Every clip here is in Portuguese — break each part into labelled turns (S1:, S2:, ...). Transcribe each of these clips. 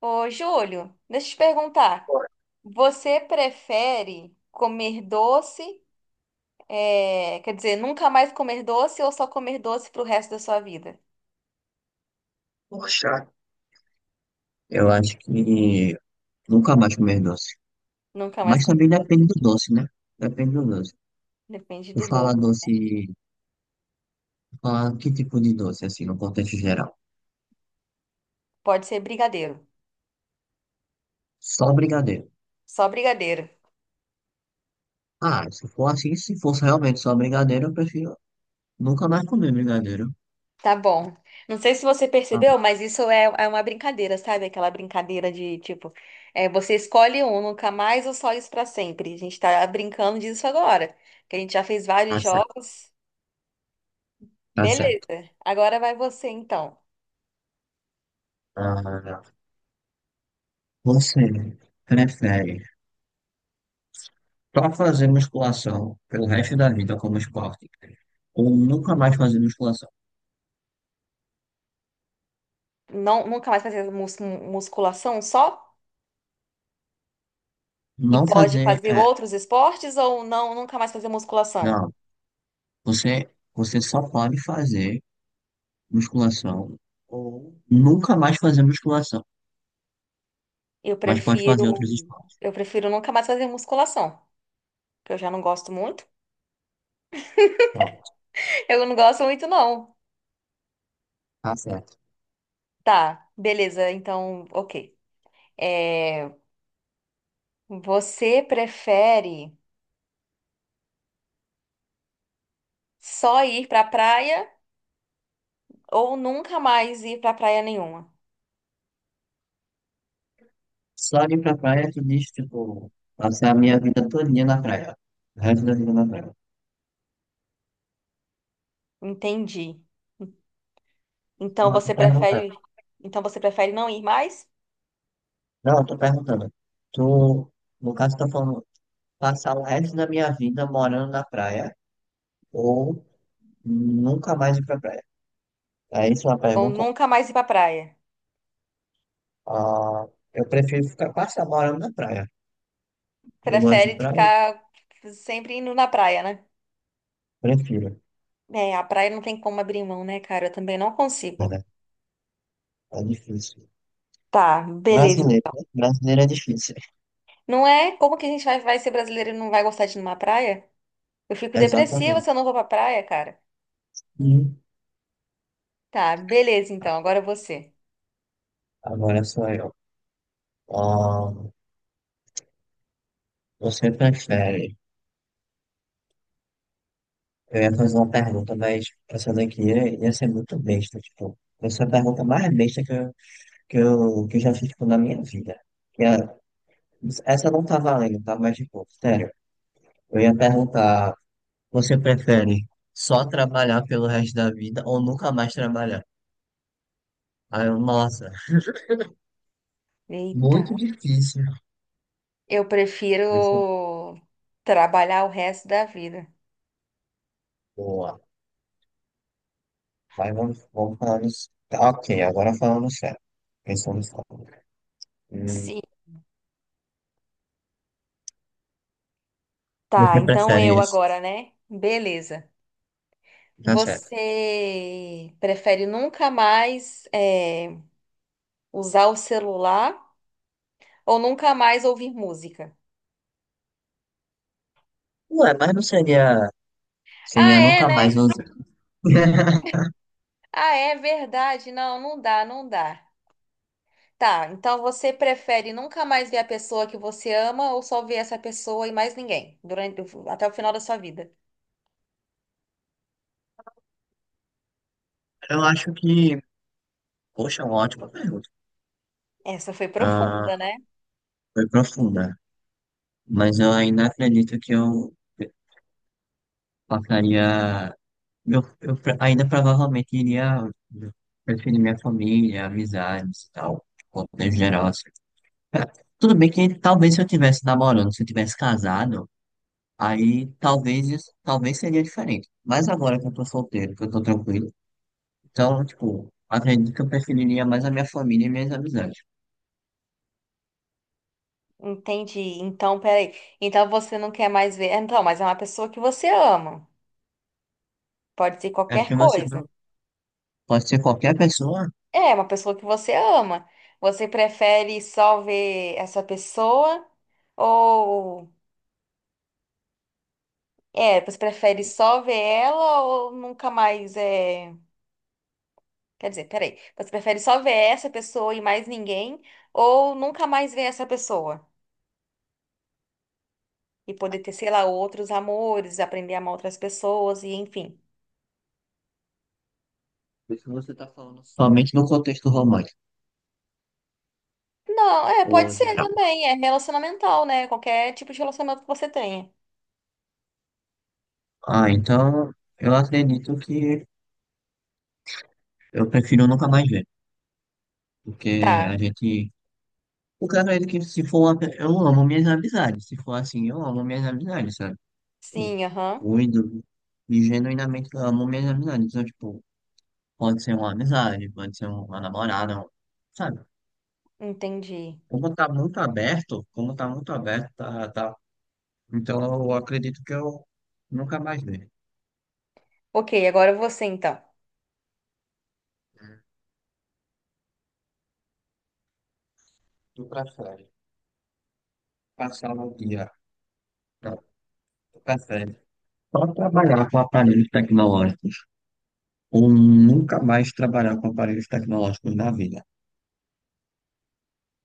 S1: Ô, Júlio, deixa eu te perguntar. Você prefere comer doce, nunca mais comer doce ou só comer doce pro resto da sua vida?
S2: Poxa, eu acho que nunca mais comer doce.
S1: Nunca mais
S2: Mas
S1: comer,
S2: também depende do doce, né? Depende do doce.
S1: depende
S2: Eu
S1: do
S2: fala
S1: doce.
S2: doce, tu fala que tipo de doce, assim, no contexto geral?
S1: Pode ser brigadeiro,
S2: Só brigadeiro.
S1: só brigadeiro.
S2: Ah, se for assim, se fosse realmente só brigadeiro, eu prefiro nunca mais comer brigadeiro.
S1: Tá bom. Não sei se você
S2: Tá
S1: percebeu,
S2: bom,
S1: mas isso é uma brincadeira, sabe? Aquela brincadeira de tipo, é, você escolhe um, nunca mais ou só isso pra sempre. A gente tá brincando disso agora, que a gente já fez vários
S2: tá certo.
S1: jogos.
S2: Tá certo.
S1: Beleza. Agora vai você então.
S2: Ah, você prefere só fazer musculação pelo resto da vida como esporte ou nunca mais fazer musculação?
S1: Não, nunca mais fazer musculação só? E
S2: Não
S1: pode
S2: fazer,
S1: fazer
S2: é,
S1: outros esportes ou não, nunca mais fazer musculação?
S2: não. Você, você só pode fazer musculação ou nunca mais fazer musculação,
S1: Eu
S2: mas pode
S1: prefiro,
S2: fazer outros esportes.
S1: eu prefiro nunca mais fazer musculação, que eu já não gosto muito.
S2: Pronto,
S1: Eu não gosto muito, não.
S2: tá certo.
S1: Tá, beleza, então, ok. É, você prefere só ir pra praia ou nunca mais ir pra praia nenhuma?
S2: Só de ir pra praia, tu diz, tipo, passar a minha vida todinha na praia. O resto da vida na praia.
S1: Entendi. Então
S2: Não, eu tô
S1: você
S2: perguntando.
S1: prefere, então você prefere não ir mais
S2: Não, eu tô perguntando. Tu, no caso, tá falando passar o resto da minha vida morando na praia ou nunca mais ir pra praia. É isso a
S1: ou
S2: pergunta?
S1: nunca mais ir pra praia?
S2: Ah, eu prefiro ficar passar morando na praia. Eu gosto de
S1: Prefere
S2: praia,
S1: ficar sempre indo na praia, né?
S2: prefiro.
S1: É, a praia não tem como abrir mão, né, cara? Eu também não
S2: É,
S1: consigo.
S2: é difícil.
S1: Tá, beleza.
S2: Brasileiro, né? Brasileiro é difícil.
S1: Não é como que a gente vai ser brasileiro e não vai gostar de ir numa praia? Eu fico depressiva
S2: Exatamente.
S1: se eu não vou pra praia, cara.
S2: Hum.
S1: Tá, beleza, então. Agora você.
S2: Agora sou eu. Ah, você prefere? Eu ia fazer uma pergunta, mas essa daqui ia ser muito besta, tipo. Essa é a pergunta mais besta que eu já fiz, tipo, na minha vida. Que é, essa não tá valendo, tá? Mas, tipo, sério. Eu ia perguntar, você prefere só trabalhar pelo resto da vida ou nunca mais trabalhar? Aí eu, nossa,
S1: Eita,
S2: muito difícil.
S1: eu
S2: É
S1: prefiro trabalhar o resto da vida.
S2: Boa. Mas vamos falando. Tá, ok, agora falando sério. Pensando sério. Hum,
S1: Sim. Tá,
S2: você
S1: então eu
S2: prefere isso?
S1: agora, né? Beleza.
S2: Tá certo.
S1: Você prefere nunca mais usar o celular? Ou nunca mais ouvir música.
S2: Ué, mas não seria.
S1: Ah,
S2: Seria
S1: é,
S2: nunca mais
S1: né?
S2: usar.
S1: Ah, é verdade. Não, não dá, não dá. Tá, então você prefere nunca mais ver a pessoa que você ama ou só ver essa pessoa e mais ninguém durante até o final da sua vida?
S2: Eu acho que. Poxa, é uma ótima pergunta.
S1: Essa foi
S2: Ah,
S1: profunda, né?
S2: foi profunda. Mas eu ainda acredito que eu passaria. Ainda provavelmente iria preferir minha família, amizades e tal. De contexto geral, assim. É, tudo bem que talvez se eu tivesse namorando, se eu tivesse casado. Aí talvez isso, talvez seria diferente. Mas agora que eu tô solteiro, que eu tô tranquilo, então, tipo, acredito que eu preferiria mais a minha família e minhas amizades.
S1: Entendi. Então, peraí. Então você não quer mais ver. Então, mas é uma pessoa que você ama. Pode ser
S2: É
S1: qualquer
S2: porque você
S1: coisa.
S2: não pode ser qualquer pessoa,
S1: É, uma pessoa que você ama. Você prefere só ver essa pessoa ou é, você prefere só ver ela ou nunca mais é. Quer dizer, peraí. Você prefere só ver essa pessoa e mais ninguém? Ou nunca mais ver essa pessoa? E poder ter, sei lá, outros amores, aprender a amar outras pessoas e enfim.
S2: porque você tá falando somente no contexto romântico,
S1: Não, é, pode
S2: ou
S1: ser
S2: geral.
S1: também. É relacionamental, né? Qualquer tipo de relacionamento que você tenha.
S2: Ah, então eu acredito que eu prefiro nunca mais ver. Porque
S1: Tá.
S2: a gente. O cara é que se for uma... Eu amo minhas amizades. Se for assim, eu amo minhas amizades, sabe? Eu
S1: Sim, aham.
S2: cuido e genuinamente eu amo minhas amizades. Então, tipo. Pode ser uma amizade, pode ser uma namorada, sabe?
S1: Entendi.
S2: Como tá muito aberto, tá, tá. Então eu acredito que eu nunca mais dei.
S1: Ok, agora você então.
S2: Tu prefere passar o dia, não, tu prefere só trabalhar com aparelhos tecnológicos ou nunca mais trabalhar com aparelhos tecnológicos na vida?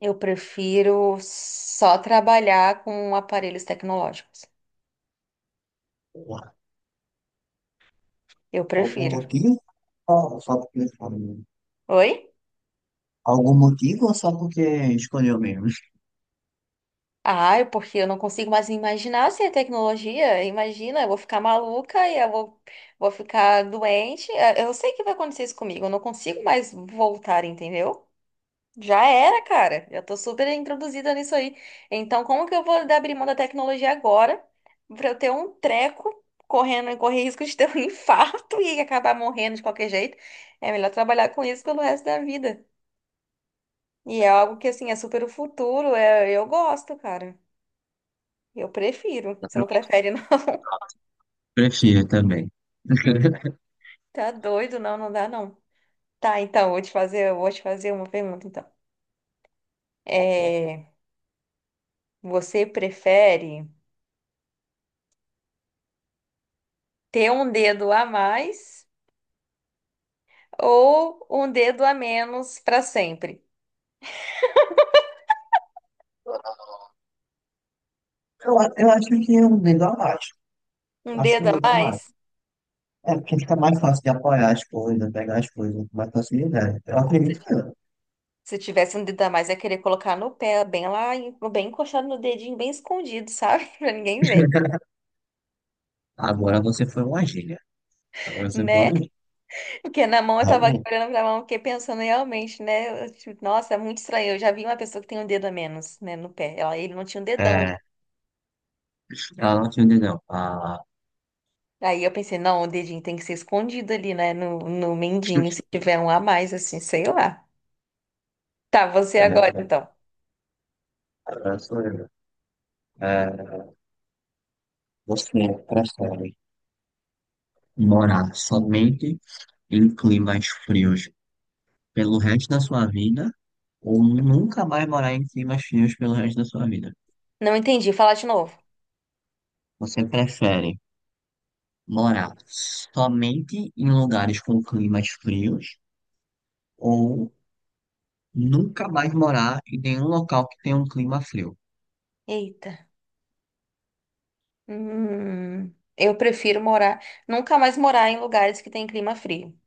S1: Eu prefiro só trabalhar com aparelhos tecnológicos.
S2: Porra,
S1: Eu
S2: algum
S1: prefiro.
S2: motivo? Ou só porque escolheu?
S1: Oi?
S2: Algum motivo ou só porque escolheu mesmo?
S1: Ah, porque eu não consigo mais me imaginar sem a tecnologia. Imagina, eu vou ficar maluca e eu vou, vou ficar doente. Eu sei que vai acontecer isso comigo. Eu não consigo mais voltar, entendeu? Já era, cara. Já tô super introduzida nisso aí. Então, como que eu vou abrir mão da tecnologia agora pra eu ter um treco correndo e correr risco de ter um infarto e acabar morrendo de qualquer jeito? É melhor trabalhar com isso pelo resto da vida. E é algo que, assim, é super o futuro. É, eu gosto, cara. Eu prefiro. Você não prefere, não?
S2: Prefiro também.
S1: Tá doido? Não, não dá, não. Tá, então, vou te fazer, eu vou te fazer uma pergunta, então. É, você prefere ter um dedo a mais ou um dedo a menos pra sempre?
S2: Eu acho que é um lugar mágico.
S1: Um
S2: Acho que é um
S1: dedo a
S2: lugar mágico.
S1: mais?
S2: É porque fica mais fácil de apoiar as coisas, pegar as coisas com mais facilidade. Eu
S1: Se
S2: acredito
S1: ti-
S2: que não.
S1: Se tivesse um dedo a mais, ia querer colocar no pé, bem lá, bem encostado no dedinho, bem escondido, sabe? Pra ninguém ver,
S2: Agora você foi uma gíria. Agora você foi
S1: né?
S2: uma gíria.
S1: Porque na mão eu tava aqui
S2: Realmente.
S1: olhando pra mão, fiquei pensando realmente, né? Eu, tipo, nossa, é muito estranho. Eu já vi uma pessoa que tem um dedo a menos, né, no pé. Ela, ele não tinha um dedão.
S2: É, ela não te entendeu. Ah,
S1: Aí eu pensei, não, o dedinho tem que ser escondido ali, né, no mindinho, se tiver um a mais, assim, sei lá. Tá, você
S2: é
S1: agora,
S2: verdade.
S1: então.
S2: Agora sou eu. É, você prefere morar somente em climas frios pelo resto da sua vida ou nunca mais morar em climas frios pelo resto da sua vida?
S1: Não entendi, fala de novo.
S2: Você prefere morar somente em lugares com climas frios ou nunca mais morar em nenhum local que tenha um clima frio.
S1: Eita. Eu prefiro morar, nunca mais morar em lugares que tem clima frio,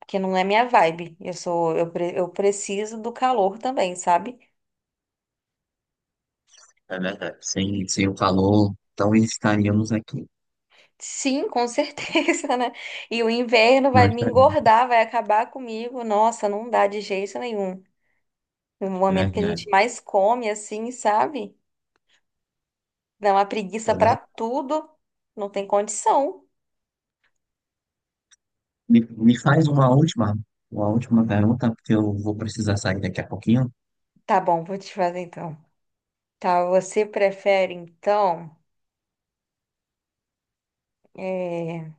S1: porque não é minha vibe. Eu preciso do calor também, sabe?
S2: É verdade. Sem o calor, então estaríamos aqui.
S1: Sim, com certeza, né? E o inverno
S2: Não
S1: vai me
S2: estaríamos.
S1: engordar, vai acabar comigo. Nossa, não dá de jeito nenhum. No
S2: É
S1: momento que a
S2: verdade.
S1: gente mais come, assim, sabe? Dá uma
S2: É
S1: preguiça pra
S2: verdade.
S1: tudo. Não tem condição.
S2: Me, me faz uma última, Uma última pergunta, porque eu vou precisar sair daqui a pouquinho.
S1: Tá bom, vou te fazer então. Tá, você prefere então. É...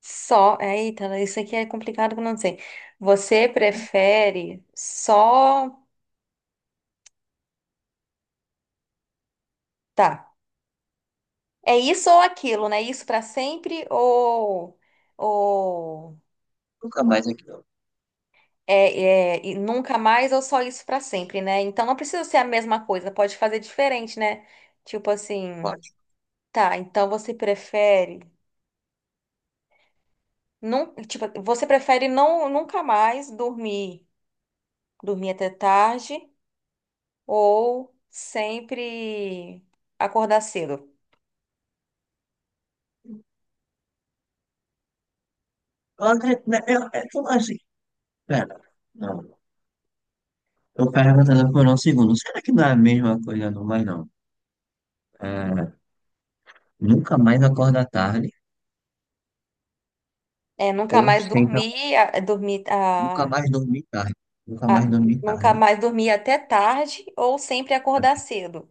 S1: Só. Eita, isso aqui é complicado que eu não sei. Você prefere só. Tá. É isso ou aquilo, né? Isso pra sempre ou. Ou.
S2: Nunca mais aqui, não.
S1: É, é, e nunca mais ou só isso pra sempre, né? Então não precisa ser a mesma coisa, pode fazer diferente, né? Tipo assim,
S2: Pode.
S1: tá, então você prefere não, tipo, você prefere não nunca mais dormir, dormir até tarde ou sempre acordar cedo?
S2: André, né, eu, é tudo assim. Pera. Não. Eu perguntando por um segundo. Será que não é a mesma coisa, não? Mas não. É, nunca mais acorda tarde.
S1: É, nunca
S2: Ou
S1: mais
S2: sempre,
S1: dormir, a-
S2: nunca mais dormir tarde. Nunca
S1: a-
S2: mais dormir
S1: nunca
S2: tarde.
S1: mais dormir até tarde ou sempre acordar
S2: Até
S1: cedo?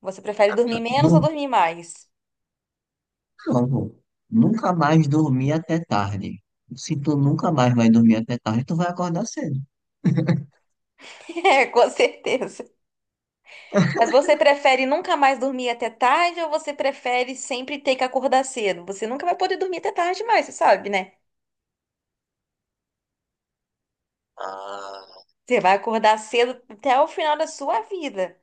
S1: Você prefere dormir
S2: tarde.
S1: menos ou
S2: Dormi,
S1: dormir mais?
S2: não, pô. Nunca mais dormir até tarde. Se tu nunca mais vai dormir até tarde, tu vai acordar cedo.
S1: É, com certeza. Mas você prefere nunca mais dormir até tarde ou você prefere sempre ter que acordar cedo? Você nunca vai poder dormir até tarde mais, você sabe, né?
S2: Ah,
S1: Você vai acordar cedo até o final da sua vida.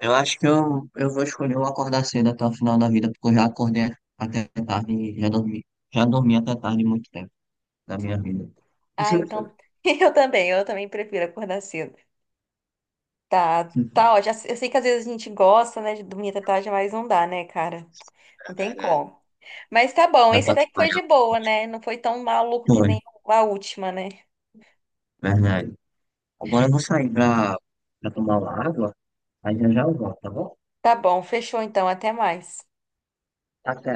S2: eu acho que eu vou escolher o acordar cedo até o final da vida, porque eu já acordei até tarde e já dormi. Já dormi até tarde muito tempo da minha vida.
S1: Ah, então eu também prefiro acordar cedo. Tá, tá ótimo. Eu sei que às vezes a gente gosta, né, de dormir até tarde, mas não dá, né, cara?
S2: É
S1: Não tem
S2: verdade.
S1: como. Mas tá bom,
S2: Dá
S1: esse
S2: pra
S1: até que foi
S2: trabalhar
S1: de boa, né? Não foi tão maluco que
S2: muito.
S1: nem a última, né?
S2: Verdade. Agora eu vou sair pra tomar uma água, aí já já eu volto, tá bom?
S1: Tá bom, fechou então, até mais.
S2: Até.